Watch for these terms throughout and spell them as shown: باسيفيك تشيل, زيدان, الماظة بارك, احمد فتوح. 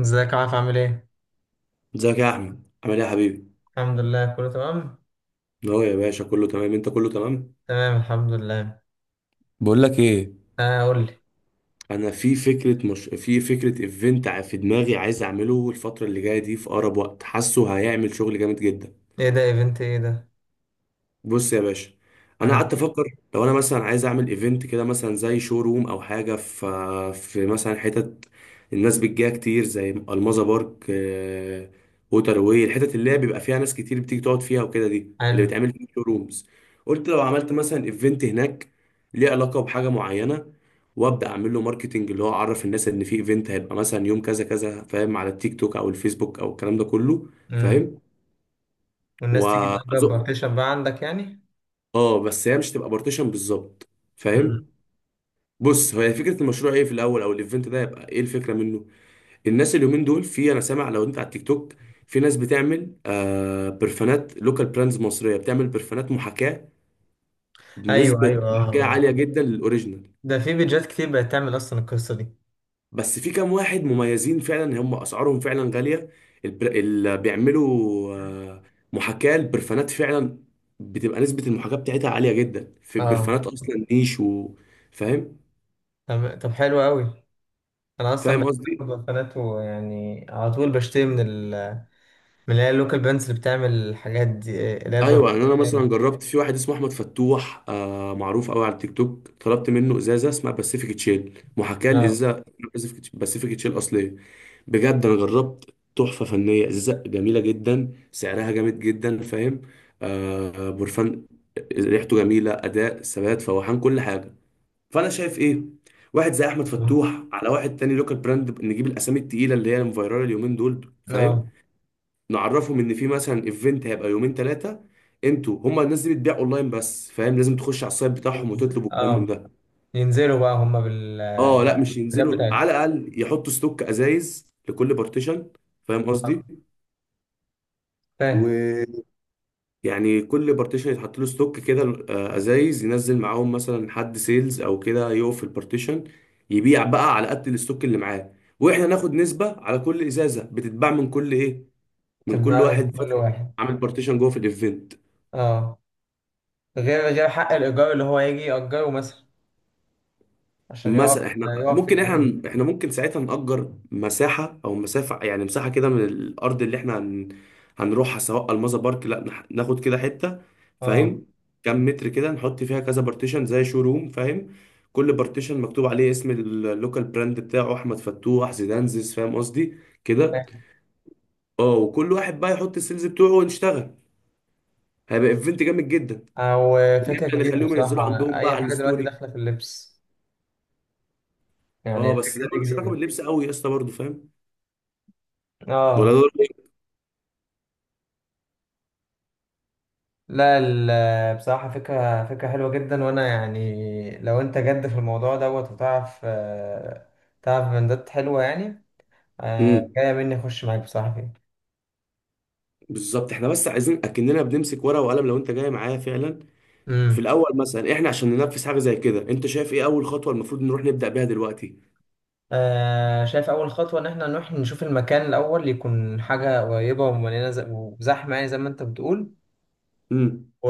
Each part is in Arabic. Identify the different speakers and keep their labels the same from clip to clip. Speaker 1: ازيك يا عارف عامل ايه؟
Speaker 2: ازيك يا احمد عامل ايه يا حبيبي؟
Speaker 1: الحمد لله كله تمام؟
Speaker 2: اهو يا باشا، كله تمام، انت كله تمام؟
Speaker 1: تمام الحمد لله.
Speaker 2: بقول لك ايه،
Speaker 1: اه، قول لي.
Speaker 2: انا في فكره، مش في فكره، ايفنت في دماغي عايز اعمله الفتره اللي جايه دي في اقرب وقت، حاسه هيعمل شغل جامد جدا.
Speaker 1: ايه ده؟ ايفنت ايه ده؟
Speaker 2: بص يا باشا، انا قعدت
Speaker 1: امم
Speaker 2: افكر، لو انا مثلا عايز اعمل ايفنت كده مثلا زي شو روم او حاجه في مثلا حتت الناس بتجيها كتير زي المظة بارك، ووتر واي، الحتت اللي هي بيبقى فيها ناس كتير بتيجي تقعد فيها وكده، دي اللي
Speaker 1: حلو.
Speaker 2: بتعمل فيها شو رومز. قلت لو عملت مثلا ايفنت هناك ليه علاقه بحاجه معينه، وابدا اعمل له ماركتنج، اللي هو اعرف الناس ان في ايفنت هيبقى مثلا يوم كذا كذا، فاهم؟ على التيك توك او الفيسبوك او الكلام ده كله،
Speaker 1: امم.
Speaker 2: فاهم؟
Speaker 1: والناس تيجي تأجر
Speaker 2: وازق.
Speaker 1: بارتيشن بقى عندك يعني؟
Speaker 2: اه بس هي مش تبقى بارتيشن بالظبط،
Speaker 1: امم.
Speaker 2: فاهم؟ بص، هي فكره المشروع ايه في الاول، او الايفنت ده يبقى ايه الفكره منه. الناس اليومين دول، في، انا سامع لو انت على التيك توك، في ناس بتعمل برفانات، لوكال براندز مصريه بتعمل برفانات محاكاه،
Speaker 1: ايوه
Speaker 2: بنسبه
Speaker 1: ايوه، اه
Speaker 2: محاكاه
Speaker 1: اه.
Speaker 2: عاليه جدا للاوريجينال.
Speaker 1: ده في بيجات كتير بقت تعمل اصلا القصة دي.
Speaker 2: بس في كام واحد مميزين فعلا، هم اسعارهم فعلا غاليه، اللي بيعملوا محاكاه البرفانات فعلا بتبقى نسبه المحاكاه بتاعتها عاليه جدا في
Speaker 1: اه.
Speaker 2: برفانات اصلا نيش فاهم؟
Speaker 1: طب حلو قوي. انا اصلا
Speaker 2: فاهم قصدي؟
Speaker 1: بحب البنات، ويعني على طول بشتري من ال من اللي هي اللوكال بانس اللي بتعمل الحاجات دي اللي هي البنات
Speaker 2: ايوه يعني انا مثلا
Speaker 1: دي.
Speaker 2: جربت في واحد اسمه احمد فتوح، معروف قوي على التيك توك، طلبت منه ازازه اسمها باسيفيك تشيل، محاكاه
Speaker 1: اه
Speaker 2: لازازه باسيفيك تشيل اصليه. بجد انا جربت تحفه فنيه، ازازه جميله جدا، سعرها جامد جدا، فاهم؟ برفان ريحته جميله، اداء، ثبات، فواحان، كل حاجه. فانا شايف ايه، واحد زي احمد فتوح، على واحد تاني لوكال براند، نجيب الاسامي التقيله اللي هي المفيرال اليومين دول، فاهم؟
Speaker 1: اه
Speaker 2: نعرفهم ان في مثلا ايفنت هيبقى يومين ثلاثه، انتوا هما الناس دي بتبيع اونلاين بس، فاهم؟ لازم تخش على السايت بتاعهم وتطلب وكلام من
Speaker 1: اه.
Speaker 2: ده.
Speaker 1: ينزلوا بقى هم
Speaker 2: اه لا مش
Speaker 1: بالحاجات
Speaker 2: ينزلوا،
Speaker 1: بتاعتهم.
Speaker 2: على الاقل يحطوا ستوك ازايز لكل بارتيشن، فاهم
Speaker 1: آه،
Speaker 2: قصدي؟
Speaker 1: فاهم.
Speaker 2: ويعني كل بارتيشن يتحط له ستوك كده، ازايز، ينزل معاهم مثلا حد سيلز او كده يقف في البارتيشن يبيع بقى على قد الستوك اللي معاه، واحنا ناخد نسبه على كل ازازه بتتباع من كل ايه. من كل
Speaker 1: تبقى من
Speaker 2: واحد
Speaker 1: كل
Speaker 2: فاتح
Speaker 1: واحد.
Speaker 2: عامل بارتيشن جوه في الايفنت.
Speaker 1: اه، غير حق الإيجار اللي هو يجي يأجره مثلا عشان
Speaker 2: مثلا
Speaker 1: يقف
Speaker 2: احنا
Speaker 1: يقف في
Speaker 2: ممكن
Speaker 1: الإيفنت.
Speaker 2: احنا، احنا ممكن ساعتها نأجر مساحة او مسافة، يعني مساحة كده من الارض اللي احنا هنروحها، سواء الماظة بارك، لا نح- ناخد كده حتة،
Speaker 1: اه،
Speaker 2: فاهم؟ كام متر كده، نحط فيها كذا بارتيشن زي شو روم، فاهم؟ كل بارتيشن مكتوب عليه اسم اللوكال براند بتاعه، احمد فتوح، زيدانزيز، فاهم قصدي؟ كده.
Speaker 1: فاهم.
Speaker 2: اه، وكل واحد بقى يحط السيلز بتوعه ونشتغل، هيبقى ايفنت جامد جدا.
Speaker 1: أو، فكرة
Speaker 2: جدا،
Speaker 1: جديدة
Speaker 2: نخليهم ينزلوا
Speaker 1: بصراحة.
Speaker 2: عندهم بقى
Speaker 1: أي
Speaker 2: على
Speaker 1: حاجة دلوقتي
Speaker 2: الستوري.
Speaker 1: داخلة في اللبس، يعني
Speaker 2: اه بس ده
Speaker 1: الفكرة دي
Speaker 2: ملوش علاقة
Speaker 1: جديدة.
Speaker 2: باللبس قوي يا اسطى برضه، فاهم؟ ولا
Speaker 1: اه.
Speaker 2: ده.
Speaker 1: لا، بصراحة فكرة حلوة جدا. وأنا يعني لو أنت جد في الموضوع دوت وتعرف، آه، تعرف بندات حلوة يعني، آه،
Speaker 2: امم،
Speaker 1: جاية مني أخش معاك بصراحة فيه.
Speaker 2: بالظبط، احنا بس عايزين اكننا بنمسك ورقه وقلم لو انت جاي معايا فعلا. في
Speaker 1: امم.
Speaker 2: الاول مثلا، احنا عشان ننفذ حاجه زي كده، انت شايف ايه اول خطوه المفروض نروح نبدا بيها دلوقتي؟
Speaker 1: آه، شايف أول خطوة إن إحنا نروح نشوف المكان. الأول يكون حاجة قريبة ومليانة، وزحمة، يعني زي ما أنت بتقول.
Speaker 2: امم،
Speaker 1: و...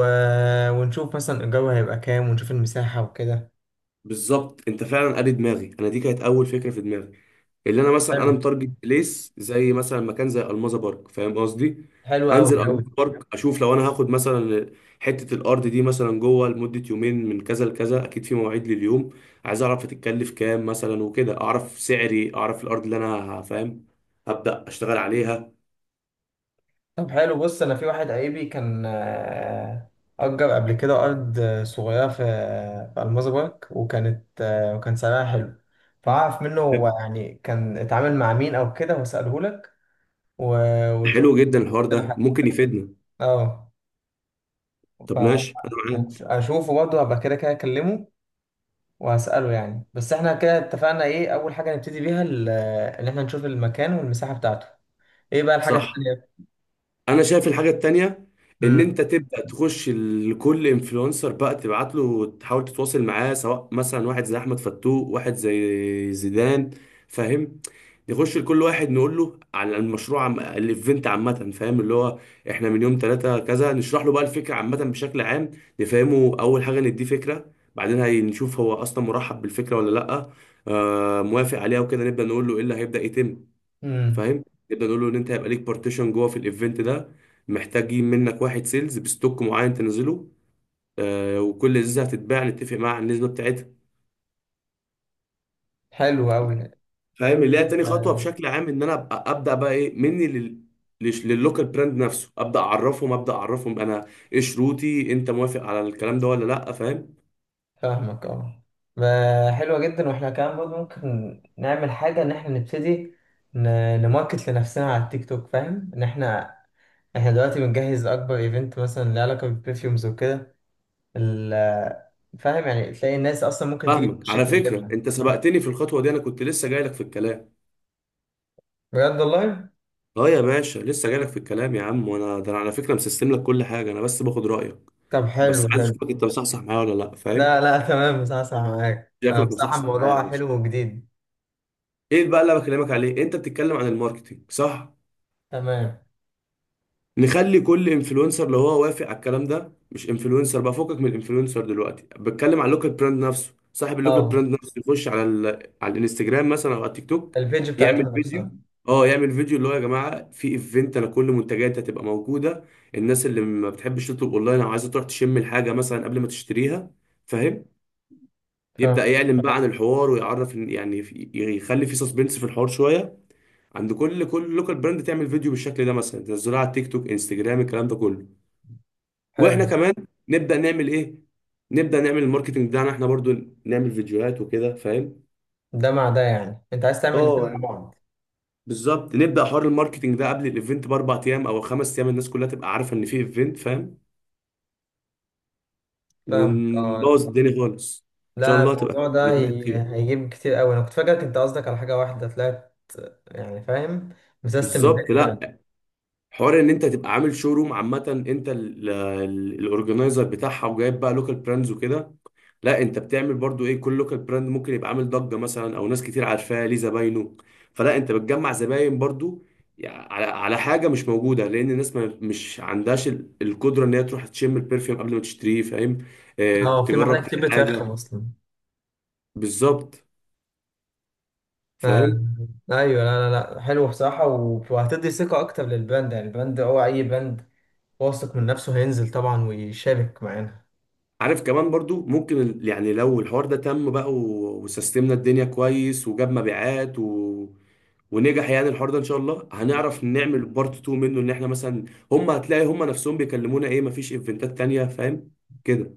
Speaker 1: ونشوف مثلا الجو هيبقى كام، ونشوف المساحة وكده.
Speaker 2: بالظبط، انت فعلا قاري دماغي، انا دي كانت اول فكره في دماغي، اللي انا مثلا انا
Speaker 1: حلو.
Speaker 2: متارجت بليس زي مثلا مكان زي الماظة بارك، فاهم قصدي؟
Speaker 1: حلو أوي
Speaker 2: انزل الماظة
Speaker 1: أوي.
Speaker 2: بارك اشوف لو انا هاخد مثلا حته الارض دي مثلا جوه لمده يومين من كذا لكذا، اكيد في مواعيد لليوم. عايز اعرف هتتكلف كام مثلا وكده، اعرف سعري، اعرف الارض اللي انا فاهم؟ هبدا اشتغل عليها.
Speaker 1: طب حلو. بص، أنا في واحد قريبي كان، آه، أجر قبل كده أرض، آه، صغيرة في في ألماظة بارك، وكانت، آه، وكان سعرها حلو. فأعرف منه هو يعني كان اتعامل مع مين أو كده وأسأله لك و... ونشوف
Speaker 2: حلو جدا، الحوار
Speaker 1: كده
Speaker 2: ده
Speaker 1: حاجة.
Speaker 2: ممكن يفيدنا.
Speaker 1: أه،
Speaker 2: طب ماشي، انا معاك.
Speaker 1: اشوفه برضه، هبقى كده كده اكلمه وهسأله يعني. بس احنا كده اتفقنا ايه اول حاجة نبتدي بيها ان احنا نشوف المكان والمساحة بتاعته. ايه بقى الحاجة
Speaker 2: صح،
Speaker 1: التانية؟
Speaker 2: انا شايف الحاجه التانية ان
Speaker 1: امم.
Speaker 2: انت تبدا تخش لكل انفلونسر بقى، تبعت له، تحاول تتواصل معاه، سواء مثلا واحد زي احمد فتوح، واحد زي زيدان، فاهم؟ نخش لكل واحد نقول له على المشروع، الايفنت عامه، فاهم؟ اللي هو احنا من يوم ثلاثة كذا نشرح له بقى الفكره عامه بشكل عام، نفهمه اول حاجه، نديه فكره، بعدين هنشوف هو اصلا مرحب بالفكره ولا لا. موافق عليها وكده، نبدا نقول له ايه اللي هيبدا يتم،
Speaker 1: امم.
Speaker 2: فاهم؟ نبدا نقول له ان انت هيبقى ليك بارتيشن جوه في الايفنت ده، محتاجين منك واحد سيلز بستوك معين تنزله، وكل ازازه هتتباع نتفق مع النسبه بتاعتها.
Speaker 1: حلو قوي.
Speaker 2: فاهم اللي هي تاني خطوه بشكل عام، ان انا ابقى ابدا بقى ايه مني لللوكال براند نفسه، ابدا اعرفهم، ابدا اعرفهم انا ايه شروطي، انت موافق على الكلام ده ولا لا، فاهم؟
Speaker 1: فاهمك اه. ما- حلوة جدا. واحنا كمان برضه ممكن نعمل حاجة ان احنا نبتدي نماركت لنفسنا على التيك توك. فاهم ان احنا احنا دلوقتي بنجهز اكبر ايفنت مثلا له علاقة بالبرفيومز وكده ال- فاهم، يعني تلاقي الناس اصلا ممكن تيجي
Speaker 2: فاهمك.
Speaker 1: تخش
Speaker 2: على فكره
Speaker 1: تكلمنا.
Speaker 2: انت سبقتني في الخطوه دي، انا كنت لسه جاي لك في الكلام.
Speaker 1: بجد والله.
Speaker 2: اه يا باشا، لسه جاي لك في الكلام يا عم، وانا ده انا على فكره مسستم لك كل حاجه، انا بس باخد رايك،
Speaker 1: طب
Speaker 2: بس
Speaker 1: حلو
Speaker 2: عايز
Speaker 1: حلو.
Speaker 2: اشوفك انت مصحصح معايا ولا لا،
Speaker 1: لا
Speaker 2: فاهم؟
Speaker 1: لا تمام. بصراحة أسمع معاك. أنا
Speaker 2: شكلك
Speaker 1: بصراحة
Speaker 2: مصحصح معايا يا
Speaker 1: الموضوع
Speaker 2: باشا.
Speaker 1: حلو وجديد.
Speaker 2: ايه بقى اللي أنا بكلمك عليه؟ انت بتتكلم عن الماركتينج، صح.
Speaker 1: تمام.
Speaker 2: نخلي كل انفلونسر لو هو وافق على الكلام ده، مش انفلونسر بقى فوقك من الانفلونسر، دلوقتي بتكلم على اللوكال براند نفسه، صاحب اللوكال
Speaker 1: أه.
Speaker 2: براند نفسه يخش على على الانستجرام مثلا او على التيك توك،
Speaker 1: البيج بتاعتهم
Speaker 2: يعمل فيديو.
Speaker 1: نفسها.
Speaker 2: اه يعمل فيديو، اللي هو يا جماعه في ايفنت، انا كل منتجاتي هتبقى موجوده، الناس اللي ما بتحبش تطلب اونلاين او عايزه تروح تشم الحاجه مثلا قبل ما تشتريها، فاهم؟
Speaker 1: فاهم.
Speaker 2: يبدأ يعلن بقى عن الحوار ويعرف يخلي في سسبنس في الحوار شوية. عند كل لوكال براند تعمل فيديو بالشكل ده، مثلا تنزله على التيك توك، انستجرام، الكلام ده كله.
Speaker 1: حلو.
Speaker 2: واحنا كمان نبدأ نعمل ايه، نبدأ نعمل الماركتنج بتاعنا احنا برضو، نعمل فيديوهات وكده، فاهم؟
Speaker 1: ده مع ده يعني؟ أنت عايز تعمل
Speaker 2: اه
Speaker 1: الاتنين مع
Speaker 2: يعني
Speaker 1: بعض؟
Speaker 2: بالظبط، نبدأ حوار الماركتنج ده قبل الايفنت باربع ايام او خمس ايام، الناس كلها تبقى عارفة ان في ايفنت، فاهم؟
Speaker 1: فاهمك أه.
Speaker 2: ونبوظ الدنيا خالص، ان شاء
Speaker 1: لا،
Speaker 2: الله تبقى
Speaker 1: الموضوع ده
Speaker 2: فتحة خير.
Speaker 1: هيجيب كتير أوي. أنا كنت فاكرك أنت قصدك على حاجة واحدة طلعت يعني فاهم مسيستم
Speaker 2: بالظبط.
Speaker 1: الدنيا فعلا.
Speaker 2: لا، حوار ان انت تبقى عامل شو روم عامه، انت الاورجنايزر بتاعها وجايب بقى لوكال براندز وكده، لا انت بتعمل برضو ايه، كل لوكال براند ممكن يبقى عامل ضجه مثلا او ناس كتير عارفاه، ليه زباينه، فلا انت بتجمع زباين برضو، على حاجه مش موجوده، لان الناس ما مش عندهاش القدره ان هي تروح تشم البرفيوم قبل ما تشتريه، فاهم؟
Speaker 1: أه، في
Speaker 2: تجرب
Speaker 1: محلات
Speaker 2: كل
Speaker 1: كتير بترخم
Speaker 2: حاجه.
Speaker 1: أصلا.
Speaker 2: بالظبط،
Speaker 1: آه،
Speaker 2: فاهم؟
Speaker 1: ايوه. لا لا لا، حلو بصراحه. وهتدي ثقه اكتر للبراند. يعني البراند، هو اي براند واثق من نفسه هينزل طبعا ويشارك معانا.
Speaker 2: عارف كمان برضو ممكن يعني لو الحوار ده تم بقى وسيستمنا الدنيا كويس وجاب مبيعات ونجح يعني، الحوار ده ان شاء الله هنعرف نعمل بارت 2 منه، ان احنا مثلا هم هتلاقي هم نفسهم بيكلمونا ايه، مفيش ايفنتات تانية، فاهم؟ كده.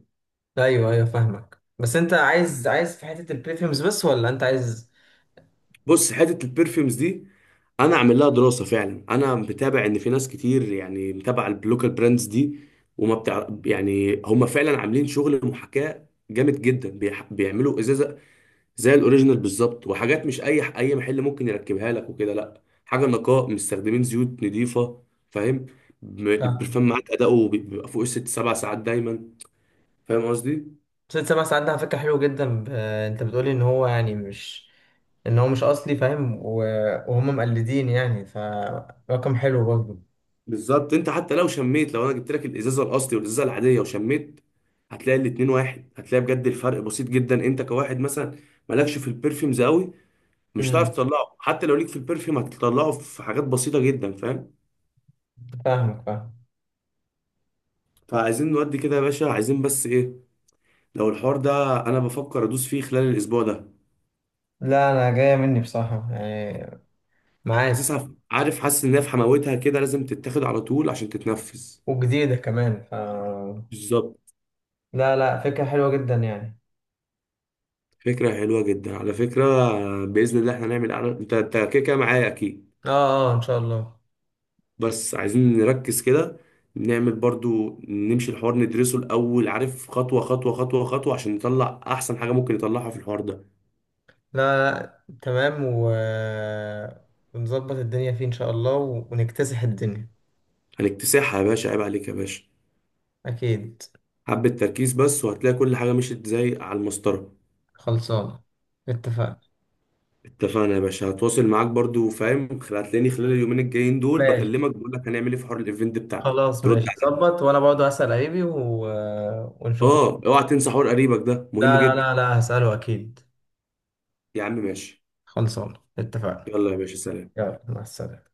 Speaker 1: ايوه ايوه فاهمك. بس انت عايز، عايز في حته البريفيومز بس ولا انت عايز؟
Speaker 2: بص حتة البرفيومز دي، انا عامل لها دراسة فعلا، انا متابع ان في ناس كتير يعني متابعة البلوكال براندز دي، وما بتاع يعني، هم فعلا عاملين شغل محاكاة جامد جدا، بيعملوا ازازة زي الاوريجينال بالظبط، وحاجات مش اي محل ممكن يركبها لك وكده، لا حاجه نقاء، مستخدمين زيوت نظيفه، فاهم؟ البرفان
Speaker 1: فاهم.
Speaker 2: معاك اداؤه بيبقى فوق الست سبع ساعات دايما، فاهم قصدي؟
Speaker 1: ست سبع ساعات ده على فكره حلو جدا. انت بتقولي ان هو يعني مش، ان هو مش اصلي، فاهم؟ وهم مقلدين يعني فرقم حلو برضه.
Speaker 2: بالظبط، انت حتى لو شميت، لو انا جبت لك الازازه الاصلي والازازه العاديه وشميت، هتلاقي الاتنين واحد، هتلاقي بجد الفرق بسيط جدا، انت كواحد مثلا مالكش في البرفيومز قوي، مش هتعرف
Speaker 1: امم.
Speaker 2: تطلعه، حتى لو ليك في البرفيوم هتطلعه في حاجات بسيطه جدا، فاهم؟
Speaker 1: فاهمك فاهم.
Speaker 2: فعايزين نودي كده يا باشا، عايزين بس ايه، لو الحوار ده، انا بفكر ادوس فيه خلال الاسبوع ده،
Speaker 1: لا، انا جايه مني بصراحه يعني، معاك.
Speaker 2: حاسسها، عارف، حاسس ان هي في حماوتها كده لازم تتاخد على طول عشان تتنفذ.
Speaker 1: وجديده كمان ف
Speaker 2: بالظبط،
Speaker 1: لا لا، فكره حلوه جدا يعني.
Speaker 2: فكرة حلوة جدا على فكرة. بإذن الله احنا هنعمل أعلان، انت كده كده معايا اكيد.
Speaker 1: اه. اه ان شاء الله.
Speaker 2: بس عايزين نركز كده، نعمل برضو، نمشي الحوار، ندرسه الأول عارف، خطوة خطوة خطوة خطوة، عشان نطلع أحسن حاجة ممكن نطلعها في الحوار ده.
Speaker 1: لا لا تمام. ونظبط الدنيا فيه إن شاء الله ونكتسح الدنيا.
Speaker 2: هنكتسحها يا باشا، عيب عليك يا باشا،
Speaker 1: أكيد.
Speaker 2: حبة تركيز بس وهتلاقي كل حاجة مشيت زي على المسطرة.
Speaker 1: خلصان. اتفقنا.
Speaker 2: اتفقنا يا باشا، هتواصل معاك برضو، فاهم، هتلاقيني خلال اليومين الجايين دول
Speaker 1: ماشي.
Speaker 2: بكلمك بقول لك هنعمل ايه في حوار الايفنت بتاعنا.
Speaker 1: خلاص
Speaker 2: ترد
Speaker 1: ماشي،
Speaker 2: عليا.
Speaker 1: ظبط. وأنا برضه هسأل قريبي ونشوف.
Speaker 2: اه، اوعى تنسى حوار قريبك ده مهم
Speaker 1: لا لا
Speaker 2: جدا.
Speaker 1: لا لا هسأله أكيد.
Speaker 2: يا عم ماشي.
Speaker 1: خلصان، اتفقنا.
Speaker 2: يلا يا باشا، سلام.
Speaker 1: يلا، مع السلامة.